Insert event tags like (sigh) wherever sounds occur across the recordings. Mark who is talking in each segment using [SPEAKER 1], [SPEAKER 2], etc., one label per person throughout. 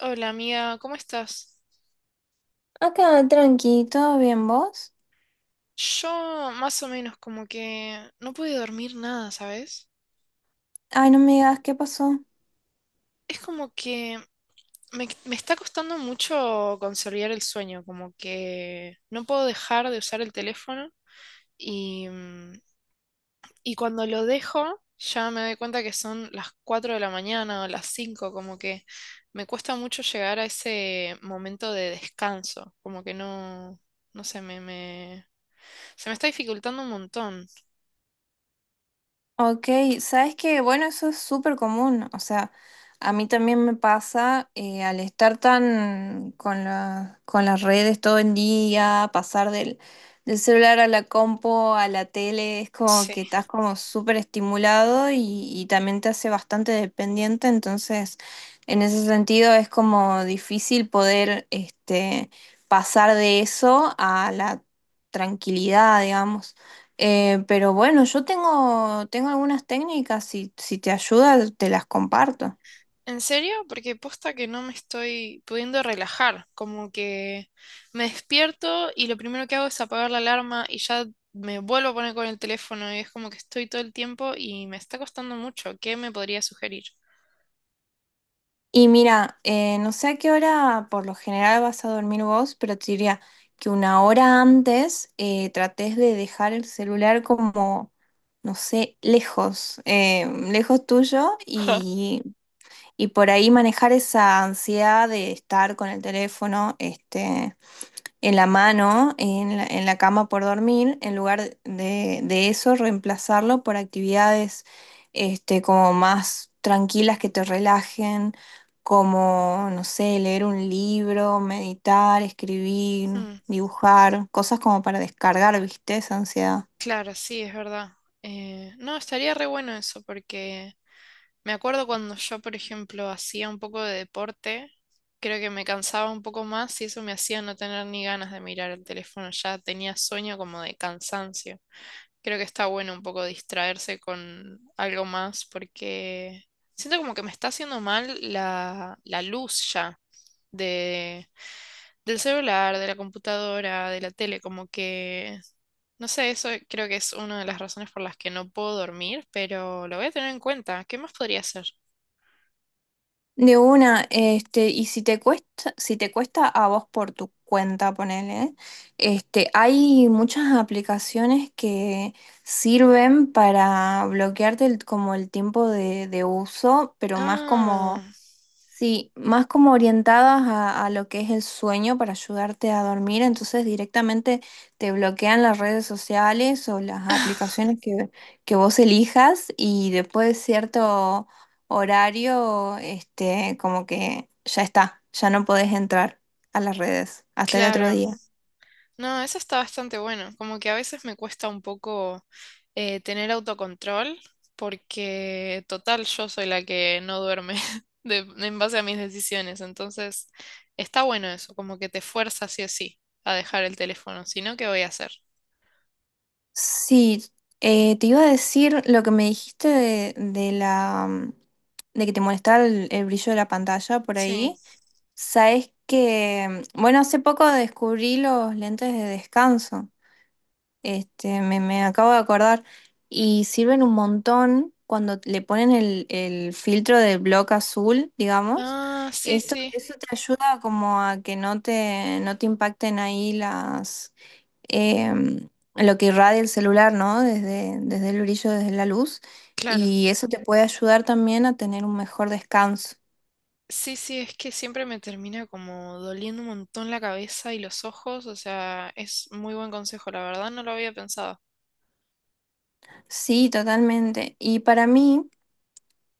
[SPEAKER 1] Hola amiga, ¿cómo estás?
[SPEAKER 2] Acá, tranqui, ¿todo bien vos?
[SPEAKER 1] Yo más o menos como que no pude dormir nada, ¿sabes?
[SPEAKER 2] Ay, no me digas, ¿qué pasó?
[SPEAKER 1] Es como que me está costando mucho consolidar el sueño, como que no puedo dejar de usar el teléfono y, mm, y cuando lo dejo ya me doy cuenta que son las 4 de la mañana o las 5, como que me cuesta mucho llegar a ese momento de descanso, como que no, no sé, se me está dificultando un montón.
[SPEAKER 2] Ok, sabes que, bueno, eso es súper común, o sea, a mí también me pasa al estar tan con con las redes todo el día, pasar del celular a la compo, a la tele, es como
[SPEAKER 1] Sí.
[SPEAKER 2] que estás como súper estimulado y también te hace bastante dependiente, entonces en ese sentido es como difícil poder este, pasar de eso a la tranquilidad, digamos. Pero bueno, yo tengo algunas técnicas, si te ayuda, te las comparto.
[SPEAKER 1] ¿En serio? Porque posta que no me estoy pudiendo relajar, como que me despierto y lo primero que hago es apagar la alarma y ya me vuelvo a poner con el teléfono y es como que estoy todo el tiempo y me está costando mucho. ¿Qué me podría sugerir? (laughs)
[SPEAKER 2] Y mira, no sé a qué hora por lo general vas a dormir vos, pero te diría que una hora antes trates de dejar el celular como, no sé, lejos, lejos tuyo
[SPEAKER 1] Ja.
[SPEAKER 2] y por ahí manejar esa ansiedad de estar con el teléfono, este, en la mano, en en la cama por dormir, en lugar de eso, reemplazarlo por actividades este, como más tranquilas que te relajen, como, no sé, leer un libro, meditar, escribir,
[SPEAKER 1] Mm,
[SPEAKER 2] dibujar, cosas como para descargar, ¿viste? Esa ansiedad.
[SPEAKER 1] claro, sí, es verdad. No, estaría re bueno eso, porque me acuerdo cuando yo, por ejemplo, hacía un poco de deporte, creo que me cansaba un poco más y eso me hacía no tener ni ganas de mirar el teléfono, ya tenía sueño como de cansancio. Creo que está bueno un poco distraerse con algo más porque siento como que me está haciendo mal la luz ya de, del celular, de la computadora, de la tele, como que, no sé, eso creo que es una de las razones por las que no puedo dormir, pero lo voy a tener en cuenta. ¿Qué más podría hacer?
[SPEAKER 2] De una, este, y si te cuesta, si te cuesta a vos por tu cuenta, ponele, este, hay muchas aplicaciones que sirven para bloquearte como el tiempo de uso, pero más como.
[SPEAKER 1] Ah,
[SPEAKER 2] Sí, más como orientadas a lo que es el sueño para ayudarte a dormir, entonces directamente te bloquean las redes sociales o las aplicaciones que vos elijas y después de cierto horario, este, como que ya está, ya no podés entrar a las redes hasta el otro
[SPEAKER 1] claro.
[SPEAKER 2] día.
[SPEAKER 1] No, eso está bastante bueno. Como que a veces me cuesta un poco tener autocontrol porque total yo soy la que no duerme (laughs) en base a mis decisiones. Entonces, está bueno eso, como que te fuerza sí o sí a dejar el teléfono. Si no, ¿qué voy a hacer?
[SPEAKER 2] Sí, te iba a decir lo que me dijiste de de que te molestaba el brillo de la pantalla por
[SPEAKER 1] Sí.
[SPEAKER 2] ahí. Sabes que, bueno, hace poco descubrí los lentes de descanso. Este, me acabo de acordar. Y sirven un montón cuando le ponen el filtro del bloque azul, digamos.
[SPEAKER 1] Ah, sí,
[SPEAKER 2] Esto,
[SPEAKER 1] sí,
[SPEAKER 2] eso te ayuda como a que no te, no te impacten ahí em, lo que irradia el celular, ¿no? Desde, desde el brillo, desde la luz.
[SPEAKER 1] claro.
[SPEAKER 2] Y eso te puede ayudar también a tener un mejor descanso.
[SPEAKER 1] Sí, sí, es que siempre me termina como doliendo un montón la cabeza y los ojos. O sea, es muy buen consejo, la verdad no lo había pensado.
[SPEAKER 2] Sí, totalmente. Y para mí,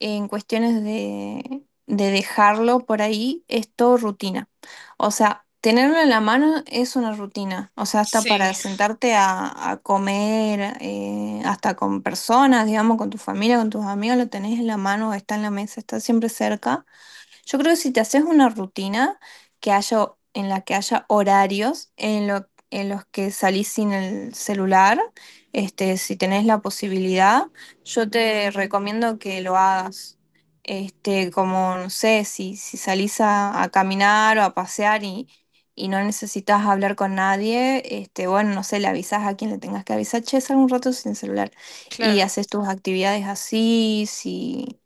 [SPEAKER 2] en cuestiones de dejarlo por ahí, es todo rutina. O sea, tenerlo en la mano es una rutina. O sea, hasta para
[SPEAKER 1] Sí,
[SPEAKER 2] sentarte a comer, hasta con personas, digamos, con tu familia, con tus amigos, lo tenés en la mano, está en la mesa, está siempre cerca. Yo creo que si te haces una rutina que haya, en la que haya horarios en, en los que salís sin el celular, este, si tenés la posibilidad, yo te recomiendo que lo hagas. Este, como, no sé, si, si salís a caminar o a pasear y no necesitas hablar con nadie, este, bueno, no sé, le avisas a quien le tengas que avisar, che, sal un rato sin celular y
[SPEAKER 1] claro.
[SPEAKER 2] haces tus actividades así, si...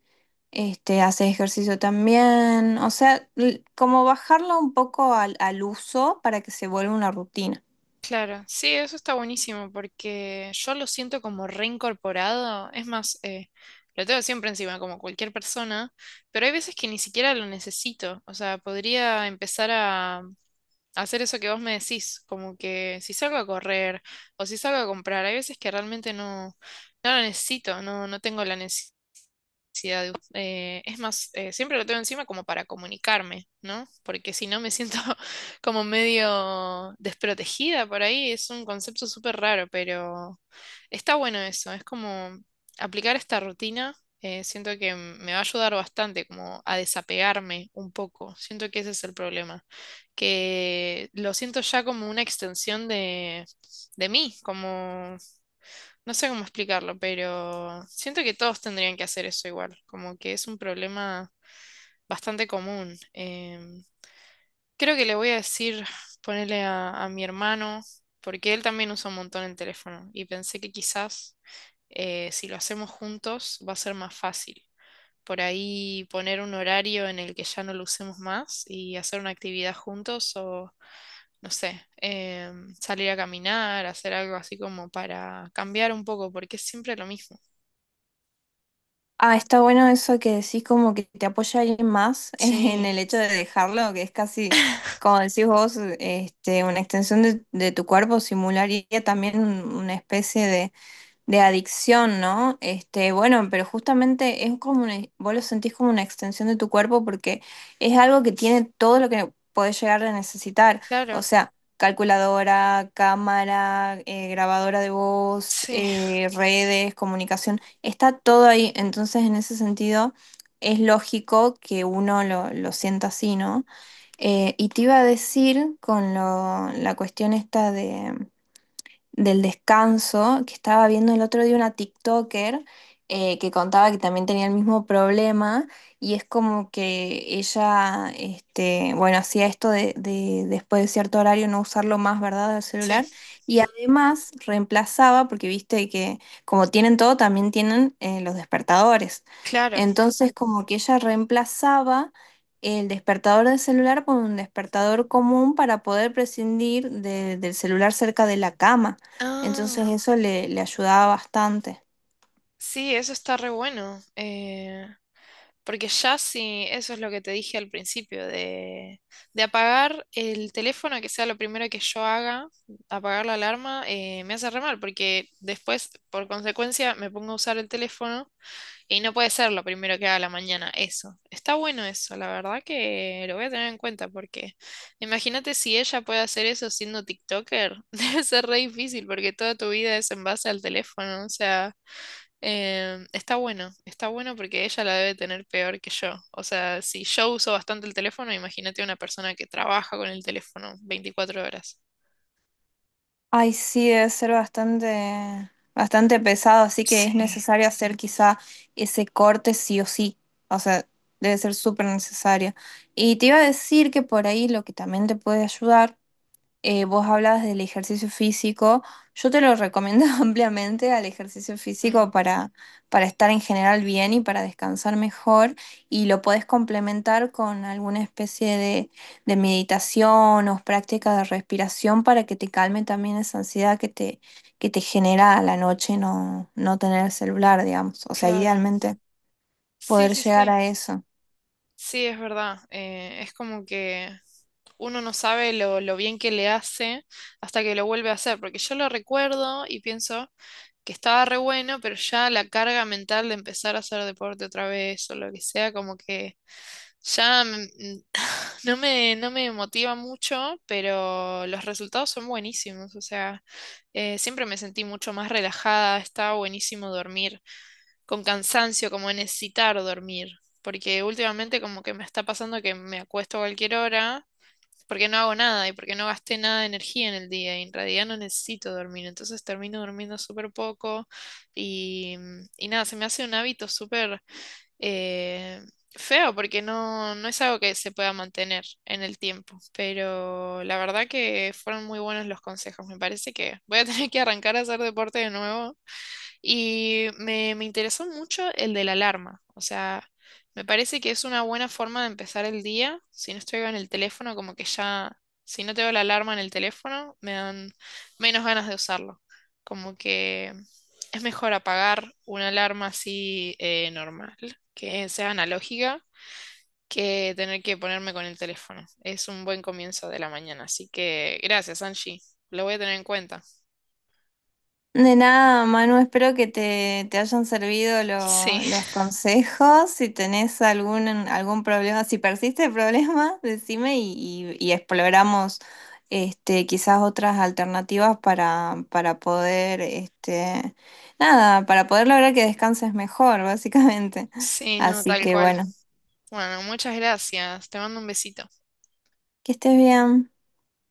[SPEAKER 2] Este, haces ejercicio también, o sea, como bajarlo un poco al uso para que se vuelva una rutina.
[SPEAKER 1] Claro, sí, eso está buenísimo porque yo lo siento como reincorporado. Es más, lo tengo siempre encima, como cualquier persona, pero hay veces que ni siquiera lo necesito. O sea, podría empezar a hacer eso que vos me decís, como que si salgo a correr o si salgo a comprar, hay veces que realmente no, no lo necesito, no, no tengo la necesidad ansiedad. Es más, siempre lo tengo encima como para comunicarme, ¿no? Porque si no me siento (laughs) como medio desprotegida por ahí. Es un concepto súper raro, pero está bueno eso. Es como aplicar esta rutina. Me va a ayudar bastante como a desapegarme un poco. Siento que ese es el problema. Que lo siento ya como una extensión de mí, como no sé cómo explicarlo, pero siento que todos tendrían que hacer eso igual, como que es un problema bastante común. Creo que le voy a decir, ponerle a mi hermano, porque él también usa un montón el teléfono y pensé que quizás si lo hacemos juntos va a ser más fácil. Por ahí poner un horario en el que ya no lo usemos más y hacer una actividad juntos o, no sé, salir a caminar, hacer algo así como para cambiar un poco, porque es siempre lo mismo.
[SPEAKER 2] Ah, está bueno eso que decís como que te apoya alguien más (laughs) en
[SPEAKER 1] Sí,
[SPEAKER 2] el hecho de dejarlo, que es casi,
[SPEAKER 1] (laughs)
[SPEAKER 2] como decís vos, este, una extensión de tu cuerpo, simularía también una especie de adicción, ¿no? Este, bueno, pero justamente es como una, vos lo sentís como una extensión de tu cuerpo porque es algo que tiene todo lo que podés llegar a necesitar. O
[SPEAKER 1] claro,
[SPEAKER 2] sea, calculadora, cámara, grabadora de voz,
[SPEAKER 1] sí,
[SPEAKER 2] redes, comunicación, está todo ahí. Entonces, en ese sentido, es lógico que uno lo sienta así, ¿no? Y te iba a decir con la cuestión esta del descanso, que estaba viendo el otro día una TikToker que contaba que también tenía el mismo problema y es como que ella, este, bueno, hacía esto de después de cierto horario no usarlo más, ¿verdad?, del
[SPEAKER 1] sí,
[SPEAKER 2] celular y además reemplazaba, porque viste que como tienen todo, también tienen los despertadores.
[SPEAKER 1] claro.
[SPEAKER 2] Entonces como que ella reemplazaba el despertador del celular por un despertador común para poder prescindir del celular cerca de la cama. Entonces
[SPEAKER 1] Ah,
[SPEAKER 2] eso le, le ayudaba bastante.
[SPEAKER 1] sí, eso está re bueno. Porque ya sí, eso es lo que te dije al principio, de apagar el teléfono, que sea lo primero que yo haga, apagar la alarma, me hace re mal, porque después, por consecuencia, me pongo a usar el teléfono. Y no puede ser lo primero que haga a la mañana, eso. Está bueno eso, la verdad que lo voy a tener en cuenta porque imagínate si ella puede hacer eso siendo TikToker, (laughs) debe ser re difícil porque toda tu vida es en base al teléfono, o sea, está bueno porque ella la debe tener peor que yo. O sea, si yo uso bastante el teléfono, imagínate una persona que trabaja con el teléfono 24 horas.
[SPEAKER 2] Ay, sí, debe ser bastante, bastante pesado, así que es
[SPEAKER 1] Sí.
[SPEAKER 2] necesario hacer quizá ese corte sí o sí. O sea, debe ser súper necesario. Y te iba a decir que por ahí lo que también te puede ayudar vos hablabas del ejercicio físico, yo te lo recomiendo (laughs) ampliamente al ejercicio
[SPEAKER 1] Mm,
[SPEAKER 2] físico para estar en general bien y para descansar mejor y lo podés complementar con alguna especie de meditación o práctica de respiración para que te calme también esa ansiedad que te genera a la noche no, no tener el celular, digamos, o sea,
[SPEAKER 1] claro.
[SPEAKER 2] idealmente
[SPEAKER 1] Sí,
[SPEAKER 2] poder
[SPEAKER 1] sí,
[SPEAKER 2] llegar
[SPEAKER 1] sí.
[SPEAKER 2] a eso.
[SPEAKER 1] Sí, es verdad. Es como que uno no sabe lo bien que le hace hasta que lo vuelve a hacer, porque yo lo recuerdo y pienso que estaba re bueno, pero ya la carga mental de empezar a hacer deporte otra vez o lo que sea, como que ya mm, (laughs) no me motiva mucho, pero los resultados son buenísimos, o sea, siempre me sentí mucho más relajada, estaba buenísimo dormir, con cansancio, como necesitar dormir. Porque últimamente como que me está pasando que me acuesto a cualquier hora porque no hago nada y porque no gasté nada de energía en el día y en realidad no necesito dormir, entonces termino durmiendo súper poco y, y nada, se me hace un hábito súper eh, feo porque no, no es algo que se pueda mantener en el tiempo, pero la verdad que fueron muy buenos los consejos, me parece que voy a (laughs) tener que arrancar a hacer deporte de nuevo y me interesó mucho el de la alarma. O sea, me parece que es una buena forma de empezar el día. Si no estoy en el teléfono, como que ya, si no tengo la alarma en el teléfono, me dan menos ganas de usarlo. Como que es mejor apagar una alarma así normal, que sea analógica, que tener que ponerme con el teléfono. Es un buen comienzo de la mañana. Así que gracias, Angie. Lo voy a tener en cuenta.
[SPEAKER 2] De nada, Manu, espero que te hayan servido
[SPEAKER 1] Sí.
[SPEAKER 2] los consejos. Si tenés algún, algún problema, si persiste el problema, (laughs) decime y, y exploramos este, quizás otras alternativas para poder, este, nada, para poder lograr que descanses mejor, (laughs) básicamente.
[SPEAKER 1] Sí, no,
[SPEAKER 2] Así
[SPEAKER 1] tal
[SPEAKER 2] que
[SPEAKER 1] cual.
[SPEAKER 2] bueno,
[SPEAKER 1] Bueno, muchas gracias. Te mando un besito.
[SPEAKER 2] que estés bien.